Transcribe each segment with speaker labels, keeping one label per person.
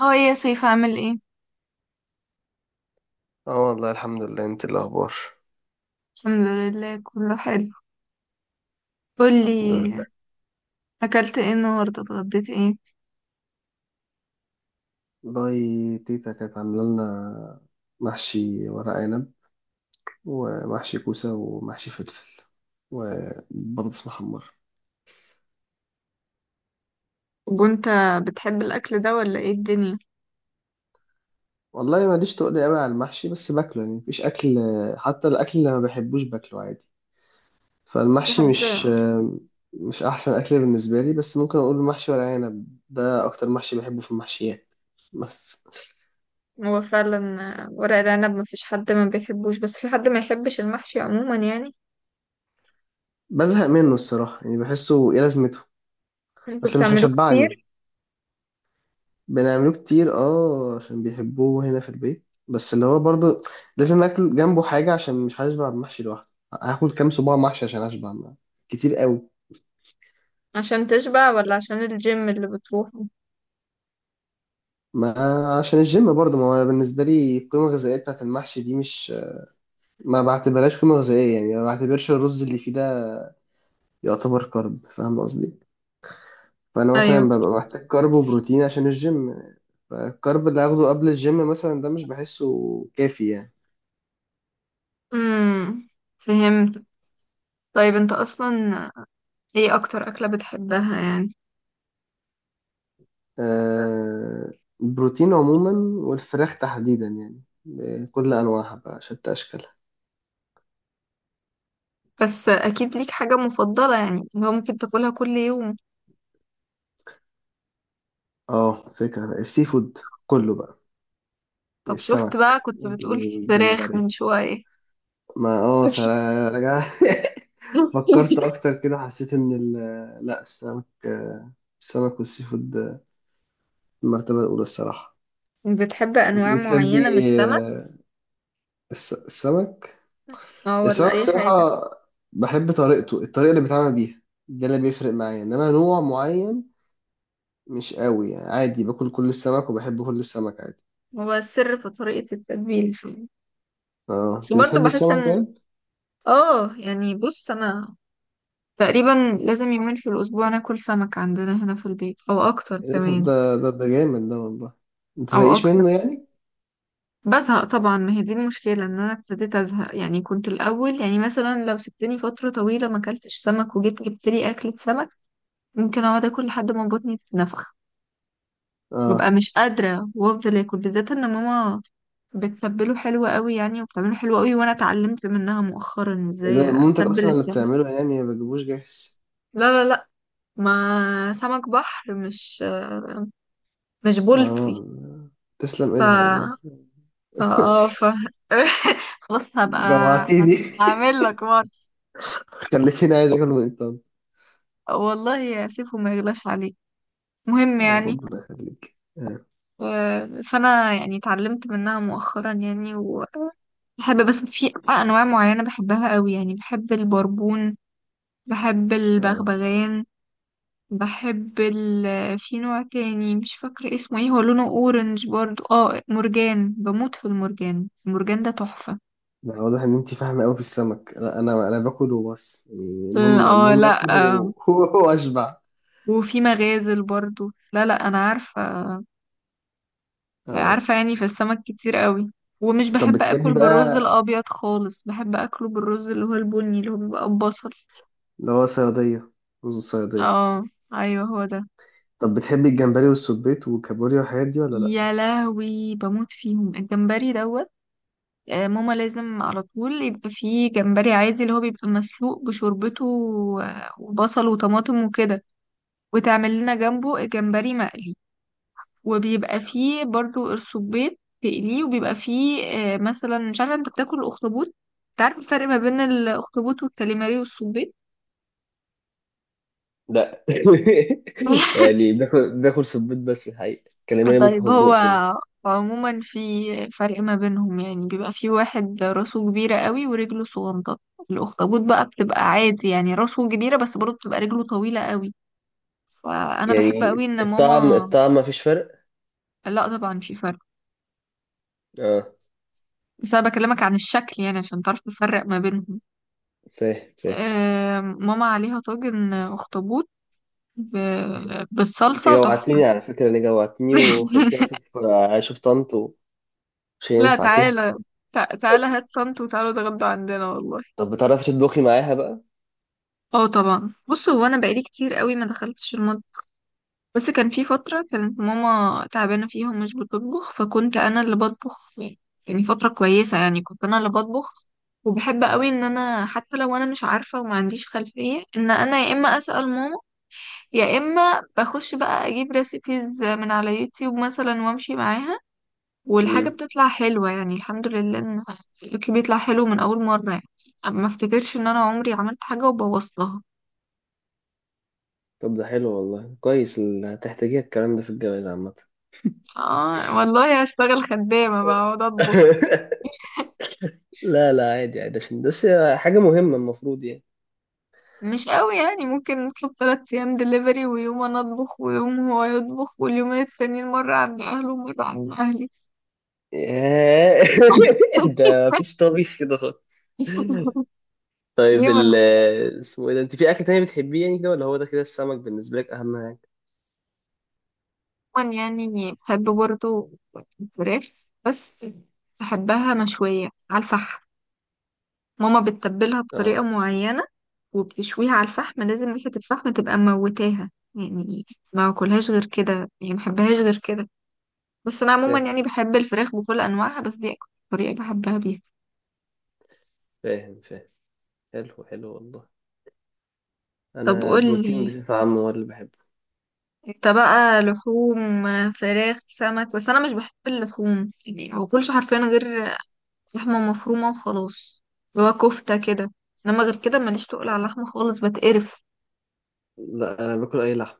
Speaker 1: هاي يا سيف، عامل ايه؟
Speaker 2: اه، والله الحمد لله. انت إيه الاخبار؟
Speaker 1: الحمد لله، كله حلو.
Speaker 2: الحمد
Speaker 1: قولي،
Speaker 2: لله.
Speaker 1: اكلت ايه النهارده، اتغديت ايه؟
Speaker 2: والله، تيتا كانت عاملة لنا محشي ورق عنب ومحشي كوسة ومحشي فلفل وبطاطس محمرة.
Speaker 1: وانت بتحب الاكل ده ولا ايه الدنيا؟
Speaker 2: والله، ماليش تقول قوي على المحشي، بس باكله يعني مفيش أكل. حتى الأكل اللي ما بحبوش باكله عادي.
Speaker 1: في
Speaker 2: فالمحشي
Speaker 1: حد.
Speaker 2: مش أحسن أكل بالنسبة لي، بس ممكن أقول محشي ورق عنب ده أكتر محشي بحبه في المحشيات. بس
Speaker 1: هو فعلا، ورق العنب ما فيش حد ما بيحبوش، بس في حد ما يحبش المحشي عموما يعني.
Speaker 2: بزهق منه الصراحة، يعني بحسه إيه لازمته.
Speaker 1: انتوا
Speaker 2: أصل مش
Speaker 1: بتعملوه كتير؟
Speaker 2: هيشبعني. بنعمله كتير، اه، عشان بيحبوه هنا في البيت، بس اللي هو برضه لازم اكل جنبه حاجة عشان مش هشبع بمحشي لوحده. هاكل كام صباع محشي عشان اشبع ما. كتير قوي.
Speaker 1: عشان تشبع ولا عشان الجيم اللي بتروحه؟
Speaker 2: ما عشان الجيم برضه، ما هو بالنسبة لي القيمة الغذائية بتاعت المحشي دي مش، ما بعتبرهاش قيمة غذائية، يعني ما بعتبرش الرز اللي فيه ده يعتبر كارب، فاهم قصدي؟ فأنا
Speaker 1: ايوه.
Speaker 2: مثلا ببقى محتاج كارب وبروتين عشان الجيم، فالكارب اللي هاخده قبل الجيم مثلا ده مش بحسه كافي يعني.
Speaker 1: امم فهمت. طيب انت اصلا، ايه اكتر اكلة بتحبها يعني؟
Speaker 2: آه، البروتين عموما، والفراخ تحديدا، يعني بكل انواعها بقى شتى اشكالها.
Speaker 1: بس اكيد ليك حاجة مفضلة يعني، هو ممكن تاكلها كل يوم؟
Speaker 2: اه، فكرة بقى السي فود كله بقى.
Speaker 1: طب شفت بقى،
Speaker 2: السمك،
Speaker 1: كنت بتقول فراخ من
Speaker 2: الجمبري.
Speaker 1: شوية.
Speaker 2: ما رجع. فكرت اكتر كده، حسيت ان ال... لا، السمك. السمك والسي فود. المرتبة الاولى الصراحة.
Speaker 1: بتحب
Speaker 2: انت
Speaker 1: أنواع
Speaker 2: بتحبي؟
Speaker 1: معينة من السمك
Speaker 2: آه، السمك.
Speaker 1: اه، ولا
Speaker 2: السمك
Speaker 1: أي حاجة؟
Speaker 2: الصراحة، بحب طريقته، الطريقة اللي بيتعمل بيها، ده اللي بيفرق معايا، انما نوع معين مش قوي يعني، عادي باكل كل السمك وبحب كل السمك عادي.
Speaker 1: هو السر في طريقة التتبيل فيه.
Speaker 2: اه،
Speaker 1: بس
Speaker 2: انت
Speaker 1: برضه
Speaker 2: بتحبي
Speaker 1: بحس
Speaker 2: السمك
Speaker 1: إن
Speaker 2: طيب؟
Speaker 1: اه يعني بص، أنا تقريبا لازم يومين في الأسبوع ناكل سمك عندنا هنا في البيت، أو أكتر
Speaker 2: ايه ده؟ طب
Speaker 1: كمان.
Speaker 2: ده جامد ده والله. انت
Speaker 1: أو
Speaker 2: زهقيش
Speaker 1: أكتر.
Speaker 2: منه يعني؟
Speaker 1: بزهق طبعا، ما هي دي المشكلة، إن أنا ابتديت أزهق يعني. كنت الأول يعني مثلا لو سبتني فترة طويلة ما أكلتش سمك وجيت جبت لي أكلة سمك، ممكن أقعد أكل لحد ما بطني تتنفخ. ببقى
Speaker 2: اه.
Speaker 1: مش قادرة، وافضل اكل بالذات ان ماما بتتبله حلو قوي يعني، وبتعمله حلو قوي، وانا اتعلمت منها مؤخرا
Speaker 2: ايه
Speaker 1: ازاي
Speaker 2: ده؟ مامتك
Speaker 1: اتبل
Speaker 2: اصلا اللي
Speaker 1: السمك.
Speaker 2: بتعمله يعني، ما بتجيبوش جاهز؟
Speaker 1: لا لا لا، ما سمك بحر، مش بولتي.
Speaker 2: اه، تسلم
Speaker 1: ف
Speaker 2: ايدها والله.
Speaker 1: ف اه ف خلاص، هبقى
Speaker 2: جوعتيني.
Speaker 1: هعمل لك مرة.
Speaker 2: خليتيني عايز اكل من الطن.
Speaker 1: والله سيبهم، ما يغلاش عليك، مهم
Speaker 2: آه
Speaker 1: يعني.
Speaker 2: ربنا يخليك. اه.
Speaker 1: آه، فانا يعني اتعلمت منها مؤخرا يعني، و بحب، بس في انواع معينه بحبها قوي يعني. بحب البربون، بحب
Speaker 2: اه،
Speaker 1: البغبغان، بحب ال، في نوع تاني مش فاكرة اسمه ايه، هو لونه اورنج برضو، اه، مرجان. بموت في المرجان، المرجان ده تحفة.
Speaker 2: لا، واضح ان انت فاهمه قوي في السمك. لا، انا باكل وبس يعني. المهم
Speaker 1: اه
Speaker 2: المهم
Speaker 1: لا،
Speaker 2: اكل
Speaker 1: آه.
Speaker 2: واشبع.
Speaker 1: وفي مغازل برضو. لا لا، انا عارفة،
Speaker 2: اه،
Speaker 1: عارفة يعني، في السمك كتير قوي. ومش
Speaker 2: طب
Speaker 1: بحب
Speaker 2: بتحبي
Speaker 1: اكل بالرز
Speaker 2: بقى
Speaker 1: الابيض خالص، بحب اكله بالرز اللي هو البني، اللي هو بيبقى ببصل.
Speaker 2: اللي هو صيادية، رز الصيادية.
Speaker 1: اه، ايوه هو ده.
Speaker 2: طب بتحبي الجمبري والسبيط والكابوريا والحاجات دي ولا لأ؟
Speaker 1: يا لهوي، بموت فيهم، الجمبري دوت. ماما لازم على طول يبقى فيه جمبري عادي، اللي هو بيبقى مسلوق بشوربته وبصل وطماطم وكده، وتعمل لنا جنبه جمبري مقلي، وبيبقى فيه برضو قرصبيط تقليه، وبيبقى فيه مثلا، مش عارفة انت بتاكل الاخطبوط؟ انت عارف الفرق ما بين الاخطبوط والكاليماري والصبيط؟
Speaker 2: لا. يعني بناكل سبيط، بس الحقيقة كلماني ممكن
Speaker 1: طيب
Speaker 2: اكون
Speaker 1: هو
Speaker 2: دقته.
Speaker 1: عموما في فرق ما بينهم يعني. بيبقى في واحد راسه كبيرة قوي ورجله صغنطة. الأخطبوط بقى بتبقى عادي يعني راسه كبيرة، بس برضه بتبقى رجله طويلة قوي. فأنا بحب
Speaker 2: يعني
Speaker 1: قوي إن
Speaker 2: الطعم
Speaker 1: ماما،
Speaker 2: الطعم ما فيش فرق.
Speaker 1: لا طبعا في فرق،
Speaker 2: اه،
Speaker 1: بس أنا بكلمك عن الشكل يعني عشان تعرف تفرق ما بينهم.
Speaker 2: فاهم فاهم.
Speaker 1: ماما عليها طاجن أخطبوط
Speaker 2: انت
Speaker 1: بالصلصة تحفة.
Speaker 2: جوعتني على فكرة، انا جوعتني وخلتني اشوف طنط، ومش
Speaker 1: لا
Speaker 2: هينفع كده.
Speaker 1: تعالى، تعالى هات طنط وتعالوا اتغدوا عندنا والله.
Speaker 2: طب بتعرفي تطبخي معاها بقى؟
Speaker 1: اه طبعا، بص هو انا بقالي كتير قوي ما دخلتش المطبخ، بس كان في فتره كانت ماما تعبانه فيها ومش بتطبخ، فكنت انا اللي بطبخ. يعني فتره كويسه يعني كنت انا اللي بطبخ. وبحب قوي ان انا حتى لو انا مش عارفه وما عنديش خلفيه، ان انا يا اما اسال ماما، يا اما بخش بقى اجيب ريسيبيز من على يوتيوب مثلا وامشي معاها. والحاجه
Speaker 2: امم.
Speaker 1: بتطلع حلوه يعني، الحمد لله ان الأكل بيطلع حلو من اول مره يعني. ما افتكرش ان انا عمري عملت حاجه وبوظتها.
Speaker 2: طب ده حلو والله، كويس، هتحتاجيها الكلام ده في الجواز عامة.
Speaker 1: اه والله هشتغل خدامة بقى، اقعد اطبخ.
Speaker 2: لا لا، عادي عادي، عشان بس حاجة مهمة المفروض يعني.
Speaker 1: مش قوي يعني، ممكن نطلب تلات ايام دليفري، ويوم انا اطبخ، ويوم هو يطبخ، واليومين التانيين مرة عند اهله ومرة عند اهلي.
Speaker 2: ياه. ده مفيش طبيخ كده خالص. طيب
Speaker 1: ليه؟ انا
Speaker 2: اسمه ايه ده؟ انت في اكل تاني بتحبيه يعني كده، ولا هو ده كده السمك بالنسبه لك اهم حاجه؟
Speaker 1: عموما يعني بحب برضه الفراخ، بس بحبها مشوية على الفحم. ماما بتتبلها بطريقة
Speaker 2: اه،
Speaker 1: معينة وبتشويها على الفحم، لازم ريحة الفحم تبقى موتاها يعني. ما اكلهاش غير كده يعني، ما بحبهاش غير كده. بس انا عموما
Speaker 2: فاهم
Speaker 1: يعني بحب الفراخ بكل انواعها، بس دي اكتر طريقة بحبها بيها.
Speaker 2: فاهم فاهم. حلو حلو والله.
Speaker 1: طب
Speaker 2: انا بروتين
Speaker 1: قولي
Speaker 2: بصفه عامه هو اللي بحبه.
Speaker 1: انت بقى، لحوم، فراخ، سمك؟ بس انا مش بحب اللحوم يعني، ما باكلش حرفيا غير لحمة مفرومة وخلاص، اللي هو كفتة كده. انما غير كده ماليش تقول على اللحمة خالص، بتقرف.
Speaker 2: لا، انا باكل اي لحم.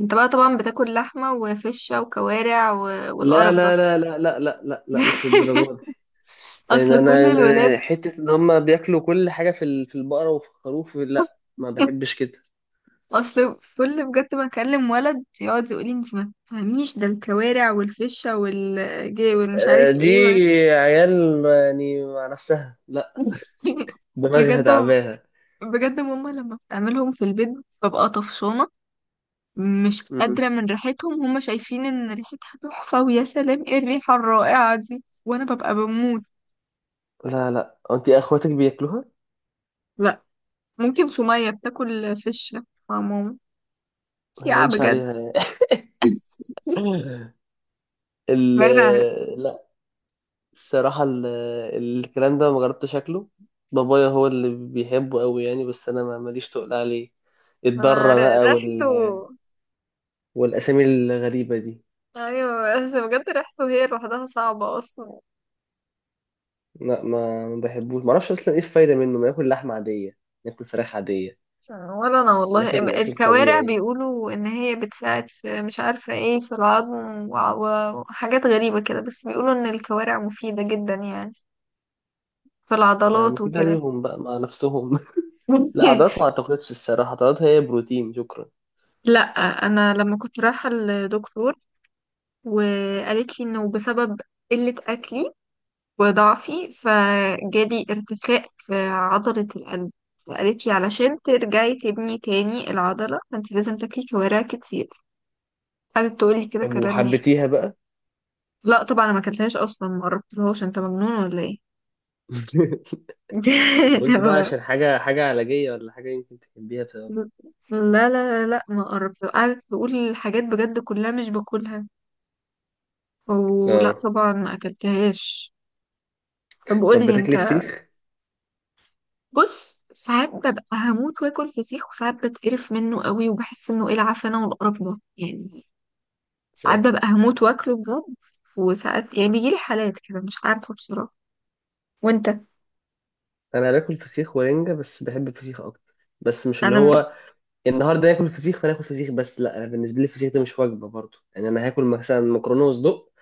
Speaker 1: انت بقى طبعا بتاكل لحمة وفشة وكوارع و...
Speaker 2: لا
Speaker 1: والقرف ده
Speaker 2: لا
Speaker 1: اصلا.
Speaker 2: لا لا لا لا لا, لا، مش للدرجه دي. يعني
Speaker 1: اصل كل
Speaker 2: انا
Speaker 1: الولاد،
Speaker 2: حته ان هم بياكلوا كل حاجه في البقره وفي الخروف، لا ما بحبش كده.
Speaker 1: اصل كل، بجد، ما اكلم ولد يقعد يقول لي، انت ما تفهميش، ده الكوارع والفشه والجي والمش عارف
Speaker 2: دي
Speaker 1: ايه و...
Speaker 2: عيال يعني مع نفسها، دماغها
Speaker 1: بجد،
Speaker 2: تعباها.
Speaker 1: بجد ماما لما بتعملهم في البيت ببقى طفشانه، مش
Speaker 2: مم.
Speaker 1: قادره من ريحتهم. هما شايفين ان ريحتها تحفه ويا سلام، ايه الريحه الرائعه دي، وانا ببقى بموت.
Speaker 2: لا لا، انت اخواتك بياكلوها؟
Speaker 1: لا، ممكن سميه بتاكل فشه مع ماما.
Speaker 2: ما
Speaker 1: يا
Speaker 2: يبانش
Speaker 1: بجد.
Speaker 2: عليها يعني. ال...
Speaker 1: باينه عليك.
Speaker 2: لا، الصراحة ال... الكلام ده ما جربتش شكله. بابايا هو اللي بيحبه قوي يعني، بس انا ما ماليش تقول عليه.
Speaker 1: ما
Speaker 2: الضرة
Speaker 1: ر-
Speaker 2: بقى
Speaker 1: ريحته،
Speaker 2: وال... والاسامي الغريبة دي.
Speaker 1: ايوه بس بجد ريحته هي لوحدها صعبة اصلا.
Speaker 2: لا، ما بحبوش، ما اعرفش اصلا ايه الفايدة منه، ما ناكل لحمة عادية، ناكل فراخ عادية،
Speaker 1: ولا انا والله.
Speaker 2: ناكل الاكل
Speaker 1: الكوارع
Speaker 2: الطبيعي.
Speaker 1: بيقولوا ان هي بتساعد في، مش عارفة ايه، في العظم وحاجات غريبة كده، بس بيقولوا ان الكوارع مفيدة جدا يعني في
Speaker 2: آه،
Speaker 1: العضلات
Speaker 2: مفيدة
Speaker 1: وكده.
Speaker 2: ليهم بقى مع نفسهم. لا، عضلات ما اعتقدش الصراحة، عضلات هي بروتين شكرا.
Speaker 1: لا انا لما كنت رايحة لدكتور، وقالت لي انه بسبب قلة اكلي وضعفي فجالي ارتخاء في عضلة القلب، فقالت لي علشان ترجعي تبني تاني العضلة فانت لازم تاكلي كوارع كتير. قعدت تقول لي كده
Speaker 2: طب
Speaker 1: كلام يعني.
Speaker 2: وحبيتيها بقى؟
Speaker 1: لا طبعا انا ما اكلتهاش اصلا، ما قربتلهاش، انت مجنون ولا ايه؟
Speaker 2: قلت بقى عشان حاجة علاجية، ولا حاجة يمكن تحبيها بسبب.
Speaker 1: لا لا لا لا ما قربت، قعدت تقول حاجات بجد كلها مش باكلها، ولا
Speaker 2: اه،
Speaker 1: طبعا ما اكلتهاش. طب قول
Speaker 2: طب
Speaker 1: لي انت،
Speaker 2: بتاكلي فسيخ؟
Speaker 1: بص ساعات ببقى هموت واكل فسيخ، وساعات بتقرف منه قوي وبحس انه ايه العفانه والقرف ده يعني. ساعات
Speaker 2: فاهم.
Speaker 1: ببقى هموت واكله بجد، وساعات يعني بيجيلي حالات كده مش عارفه بصراحه. وانت؟
Speaker 2: انا باكل فسيخ ورنجة، بس بحب الفسيخ اكتر. بس مش اللي
Speaker 1: انا م...
Speaker 2: هو النهارده ناكل فسيخ فناكل فسيخ، بس لا، انا بالنسبة لي الفسيخ ده مش وجبة برضه، يعني انا هاكل مثلا مكرونة وصدق،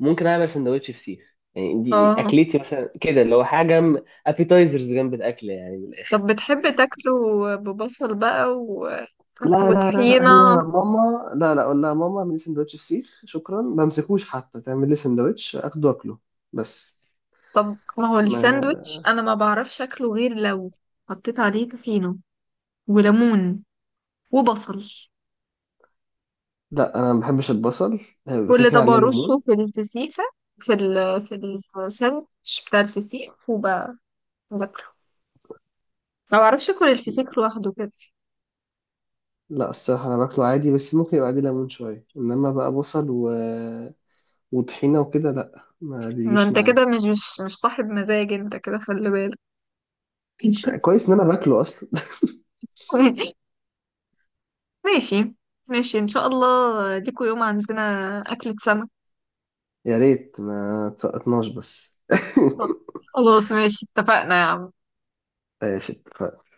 Speaker 2: ممكن اعمل سندوتش فسيخ. يعني دي
Speaker 1: اه
Speaker 2: اكلتي مثلا كده، اللي هو حاجة ابيتايزرز جنب الاكل يعني من الاخر.
Speaker 1: طب بتحب تاكله ببصل بقى و...
Speaker 2: لا لا لا لا،
Speaker 1: وطحينه؟
Speaker 2: هي ماما، لا لا، اقول لها ماما اعملي لي سندوتش فسيخ شكرا؟ ما امسكوش حتى تعمل لي سندوتش اخده واكله. بس
Speaker 1: طب ما هو الساندوتش
Speaker 2: ما
Speaker 1: انا ما بعرفش اكله غير لو حطيت عليه طحينه وليمون وبصل.
Speaker 2: لا، انا ما بحبش البصل، هيبقى كده
Speaker 1: كل
Speaker 2: كده
Speaker 1: طبق
Speaker 2: عليه ليمون.
Speaker 1: رصه في الفسيخة، في ال في الساندوتش بتاع الفسيخ، وباكله. ما بعرفش اكل الفسيخ لوحده كده.
Speaker 2: لا، الصراحه انا باكله عادي، بس ممكن يبقى عليه ليمون شويه، انما بقى بصل و... وطحينه وكده، لا، ما
Speaker 1: ما
Speaker 2: بيجيش
Speaker 1: انت
Speaker 2: معايا.
Speaker 1: كده مش صاحب مزاج، انت كده خلي بالك.
Speaker 2: كويس ان انا باكله اصلا.
Speaker 1: ماشي، ماشي ان شاء الله، ليكوا يوم عندنا اكلة سمك.
Speaker 2: يا ريت ما تسقطناش بس.
Speaker 1: خلاص ماشي، اتفقنا يا عم.
Speaker 2: قافل.